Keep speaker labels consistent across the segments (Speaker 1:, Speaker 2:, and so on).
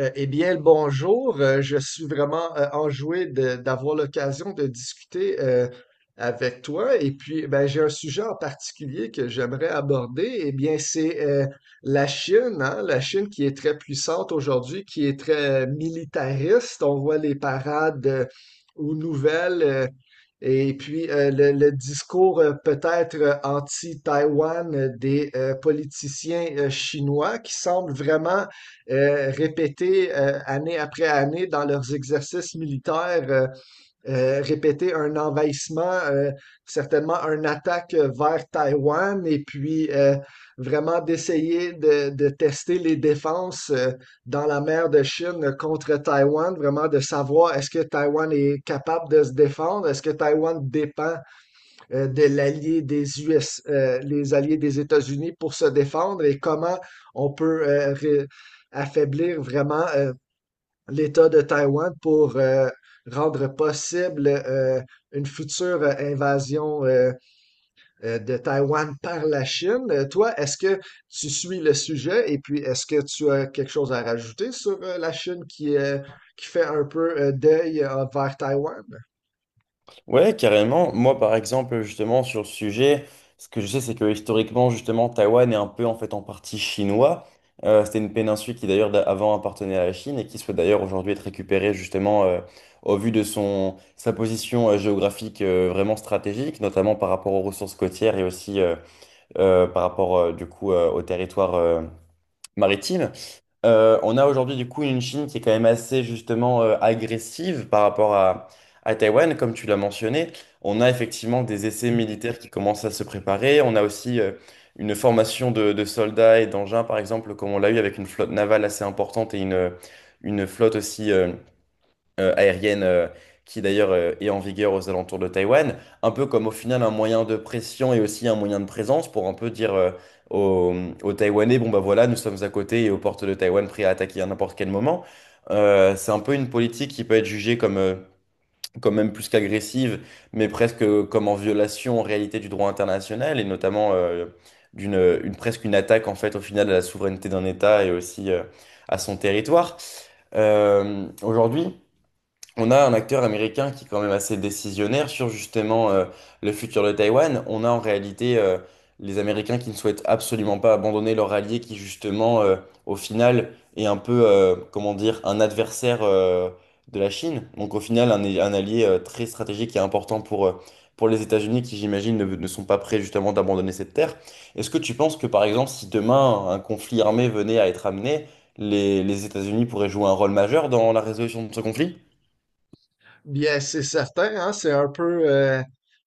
Speaker 1: Le bonjour. Je suis vraiment enjoué d'avoir l'occasion de discuter avec toi. Et puis, ben, j'ai un sujet en particulier que j'aimerais aborder. Eh bien, c'est la Chine, hein, la Chine qui est très puissante aujourd'hui, qui est très militariste. On voit les parades aux nouvelles. Et puis, le discours peut-être anti-Taïwan des politiciens chinois qui semble vraiment répéter année après année dans leurs exercices militaires, répéter un envahissement, certainement une attaque vers Taïwan, et puis vraiment d'essayer de tester les défenses dans la mer de Chine contre Taïwan, vraiment de savoir est-ce que Taïwan est capable de se défendre, est-ce que Taïwan dépend de l'allié des US, les alliés des États-Unis pour se défendre et comment on peut affaiblir vraiment l'État de Taïwan pour rendre possible une future invasion. De Taïwan par la Chine. Toi, est-ce que tu suis le sujet et puis est-ce que tu as quelque chose à rajouter sur la Chine qui fait un peu deuil vers Taïwan?
Speaker 2: Ouais, carrément. Moi, par exemple, justement, sur le sujet, ce que je sais, c'est que historiquement, justement, Taïwan est un peu en fait en partie chinois. C'était une péninsule qui d'ailleurs avant appartenait à la Chine et qui souhaite d'ailleurs aujourd'hui être récupérée justement au vu de son sa position géographique vraiment stratégique, notamment par rapport aux ressources côtières et aussi par rapport du coup au territoire maritime. On a aujourd'hui du coup une Chine qui est quand même assez justement agressive par rapport à Taïwan, comme tu l'as mentionné. On a effectivement des essais militaires qui commencent à se préparer. On a aussi une formation de soldats et d'engins, par exemple, comme on l'a eu avec une flotte navale assez importante et une flotte aussi aérienne qui d'ailleurs est en vigueur aux alentours de Taïwan, un peu comme au final un moyen de pression et aussi un moyen de présence pour un peu dire aux, aux Taïwanais, bon bah voilà, nous sommes à côté et aux portes de Taïwan prêts à attaquer à n'importe quel moment. C'est un peu une politique qui peut être jugée comme, quand même plus qu'agressive, mais presque comme en violation en réalité du droit international et notamment presque une attaque en fait au final à la souveraineté d'un État et aussi à son territoire. Aujourd'hui, on a un acteur américain qui est quand même assez décisionnaire sur justement le futur de Taïwan. On a en réalité les Américains qui ne souhaitent absolument pas abandonner leur allié qui justement au final est un peu, comment dire, un adversaire de la Chine. Donc au final un allié très stratégique et important pour les États-Unis qui j'imagine ne sont pas prêts justement d'abandonner cette terre. Est-ce que tu penses que par exemple si demain un conflit armé venait à être amené, les États-Unis pourraient jouer un rôle majeur dans la résolution de ce conflit?
Speaker 1: Bien, c'est certain, hein, c'est un peu euh,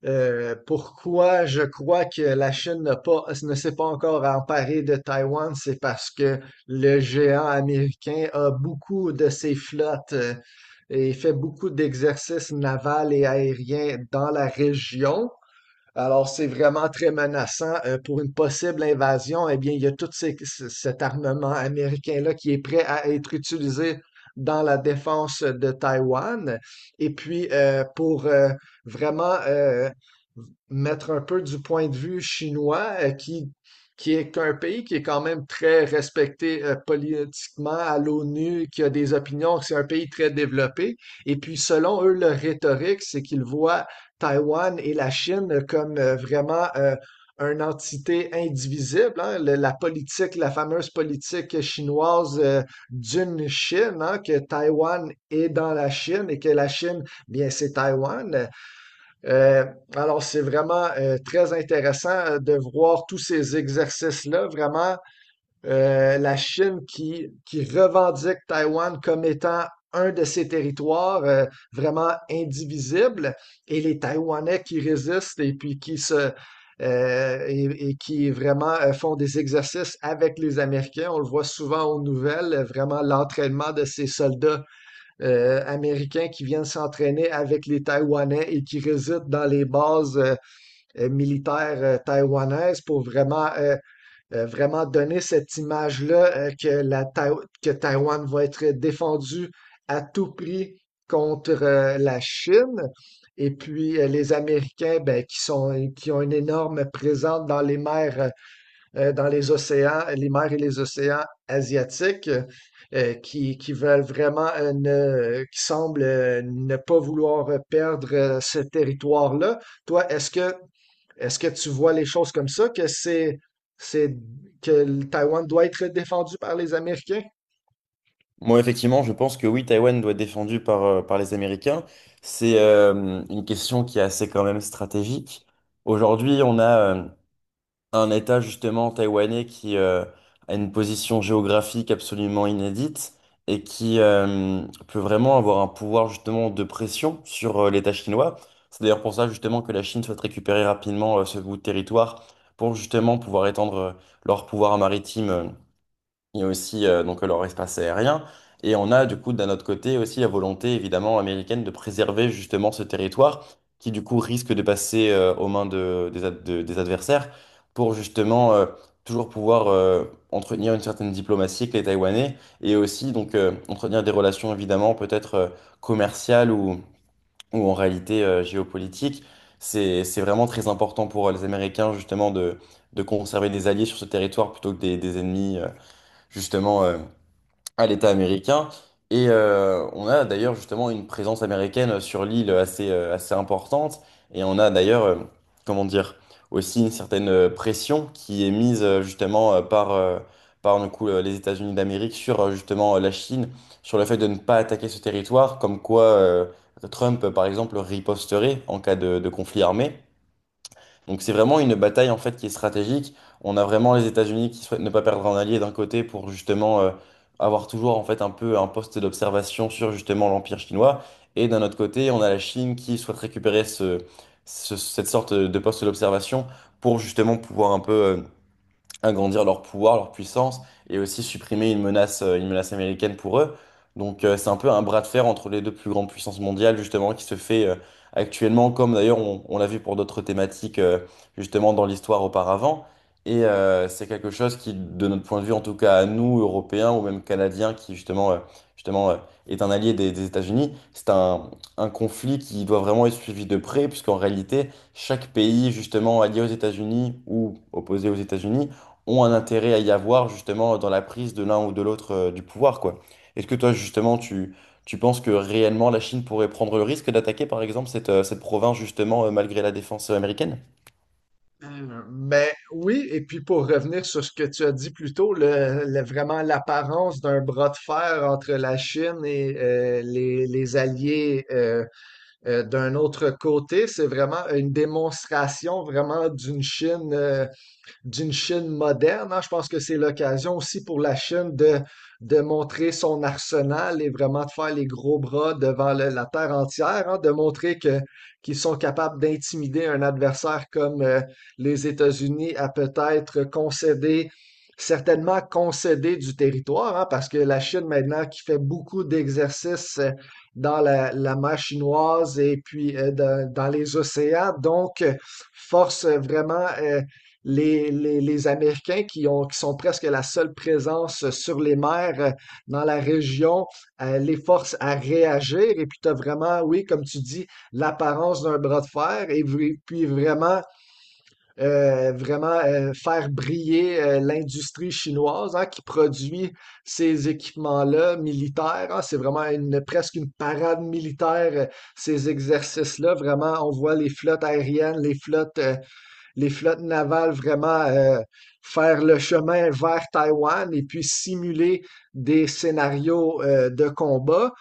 Speaker 1: euh, pourquoi je crois que la Chine n'a pas, ne s'est pas encore emparée de Taïwan, c'est parce que le géant américain a beaucoup de ses flottes et fait beaucoup d'exercices navals et aériens dans la région. Alors, c'est vraiment très menaçant pour une possible invasion. Eh bien, il y a tout cet armement américain-là qui est prêt à être utilisé dans la défense de Taïwan. Et puis, pour vraiment mettre un peu du point de vue chinois, qui est un pays qui est quand même très respecté politiquement à l'ONU, qui a des opinions, c'est un pays très développé. Et puis, selon eux, leur rhétorique, c'est qu'ils voient Taïwan et la Chine comme vraiment une entité indivisible, hein. La politique, la fameuse politique chinoise d'une Chine, hein, que Taïwan est dans la Chine et que la Chine, bien, c'est Taïwan. Euh, alors, c'est vraiment très intéressant de voir tous ces exercices-là, vraiment la Chine qui revendique Taïwan comme étant un de ses territoires vraiment indivisible, et les Taïwanais qui résistent et puis qui se et qui vraiment font des exercices avec les Américains. On le voit souvent aux nouvelles, vraiment l'entraînement de ces soldats américains qui viennent s'entraîner avec les Taïwanais et qui résident dans les bases militaires taïwanaises pour vraiment donner cette image-là , que que Taïwan va être défendue à tout prix contre la Chine. Et puis les Américains, ben, qui sont, qui ont une énorme présence dans les mers dans les océans, les mers et les océans asiatiques, qui veulent vraiment, qui semblent ne pas vouloir perdre ce territoire-là. Toi, est-ce que tu vois les choses comme ça, c'est, que le Taïwan doit être défendu par les Américains?
Speaker 2: Moi, effectivement, je pense que oui, Taïwan doit être défendu par, par les Américains. C'est une question qui est assez quand même stratégique. Aujourd'hui, on a un État justement taïwanais qui a une position géographique absolument inédite et qui peut vraiment avoir un pouvoir justement de pression sur l'État chinois. C'est d'ailleurs pour ça justement que la Chine souhaite récupérer rapidement ce bout de territoire pour justement pouvoir étendre leur pouvoir maritime il y a aussi donc leur espace aérien. Et on a du coup d'un autre côté aussi la volonté évidemment américaine de préserver justement ce territoire qui du coup risque de passer aux mains des adversaires pour justement toujours pouvoir entretenir une certaine diplomatie avec les Taïwanais et aussi donc entretenir des relations évidemment peut-être commerciales ou en réalité géopolitiques. C'est vraiment très important pour les Américains justement de conserver des alliés sur ce territoire plutôt que des ennemis. Justement à l'État américain. Et on a d'ailleurs justement une présence américaine sur l'île assez, assez importante. Et on a d'ailleurs, comment dire, aussi une certaine pression qui est mise justement par du coup, les États-Unis d'Amérique sur justement la Chine, sur le fait de ne pas attaquer ce territoire, comme quoi Trump, par exemple, riposterait en cas de conflit armé. Donc c'est vraiment une bataille en fait qui est stratégique. On a vraiment les États-Unis qui souhaitent ne pas perdre un allié d'un côté pour justement avoir toujours en fait un peu un poste d'observation sur justement l'Empire chinois. Et d'un autre côté, on a la Chine qui souhaite récupérer cette sorte de poste d'observation pour justement pouvoir un peu agrandir leur pouvoir, leur puissance, et aussi supprimer une menace américaine pour eux. Donc c'est un peu un bras de fer entre les deux plus grandes puissances mondiales, justement, qui se fait actuellement, comme d'ailleurs on l'a vu pour d'autres thématiques, justement, dans l'histoire auparavant. Et c'est quelque chose qui, de notre point de vue, en tout cas à nous, Européens ou même Canadiens, qui justement, justement euh, est un allié des États-Unis, c'est un conflit qui doit vraiment être suivi de près, puisqu'en réalité, chaque pays, justement, allié aux États-Unis ou opposé aux États-Unis, ont un intérêt à y avoir justement dans la prise de l'un ou de l'autre du pouvoir, quoi. Est-ce que toi, justement, tu penses que réellement la Chine pourrait prendre le risque d'attaquer, par exemple, cette province, justement, malgré la défense américaine?
Speaker 1: Mais oui, et puis pour revenir sur ce que tu as dit plus tôt, vraiment l'apparence d'un bras de fer entre la Chine et les alliés d'un autre côté, c'est vraiment une démonstration vraiment d'une Chine moderne, hein. Je pense que c'est l'occasion aussi pour la Chine de montrer son arsenal et vraiment de faire les gros bras devant la terre entière, hein, de montrer que, qu'ils sont capables d'intimider un adversaire comme les États-Unis, à peut-être concéder, certainement concéder du territoire, hein, parce que la Chine maintenant qui fait beaucoup d'exercices dans la mer chinoise et puis dans les océans, donc force vraiment les Américains qui, qui sont presque la seule présence sur les mers dans la région les forcent à réagir. Et puis, tu as vraiment, oui, comme tu dis, l'apparence d'un bras de fer et v- puis vraiment, vraiment faire briller l'industrie chinoise, hein, qui produit ces équipements-là militaires, hein. C'est vraiment une, presque une parade militaire, ces exercices-là. Vraiment, on voit les flottes aériennes, les flottes navales vraiment faire le chemin vers Taïwan et puis simuler des scénarios de combat.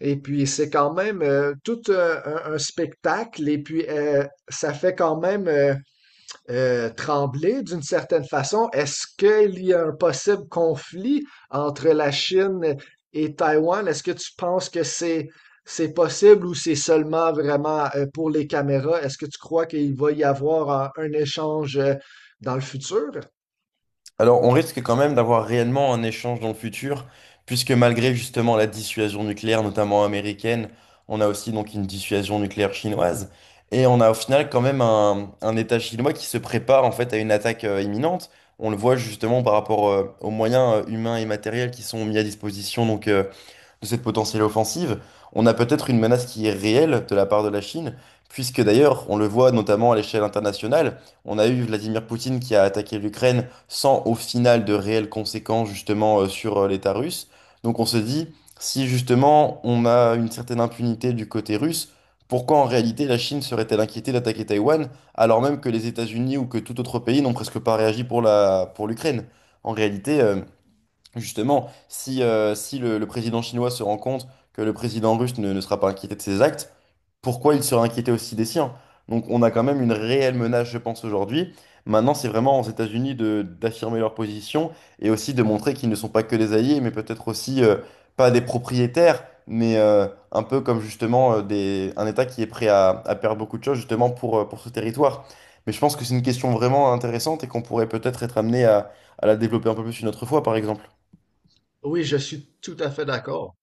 Speaker 1: Et puis c'est quand même tout un, un spectacle et puis ça fait quand même... Tremblay, d'une certaine façon. Est-ce qu'il y a un possible conflit entre la Chine et Taïwan? Est-ce que tu penses que c'est possible ou c'est seulement vraiment pour les caméras? Est-ce que tu crois qu'il va y avoir un échange dans le futur?
Speaker 2: Alors, on risque quand même d'avoir réellement un échange dans le futur, puisque malgré justement la dissuasion nucléaire, notamment américaine, on a aussi donc une dissuasion nucléaire chinoise, et on a au final quand même un État chinois qui se prépare en fait à une attaque imminente. On le voit justement par rapport aux moyens humains et matériels qui sont mis à disposition donc de cette potentielle offensive, on a peut-être une menace qui est réelle de la part de la Chine, puisque d'ailleurs, on le voit notamment à l'échelle internationale, on a eu Vladimir Poutine qui a attaqué l'Ukraine sans au final de réelles conséquences justement sur l'État russe. Donc on se dit, si justement on a une certaine impunité du côté russe, pourquoi en réalité la Chine serait-elle inquiétée d'attaquer Taïwan, alors même que les États-Unis ou que tout autre pays n'ont presque pas réagi pour pour l'Ukraine? En réalité, Justement, si, si le président chinois se rend compte que le président russe ne sera pas inquiété de ses actes, pourquoi il serait inquiété aussi des siens? Donc on a quand même une réelle menace, je pense, aujourd'hui. Maintenant, c'est vraiment aux États-Unis d'affirmer leur position et aussi de montrer qu'ils ne sont pas que des alliés, mais peut-être aussi pas des propriétaires, mais un peu comme justement un État qui est prêt à perdre beaucoup de choses justement pour ce territoire. Mais je pense que c'est une question vraiment intéressante et qu'on pourrait peut-être être amené à la développer un peu plus une autre fois, par exemple.
Speaker 1: Oui, je suis tout à fait d'accord.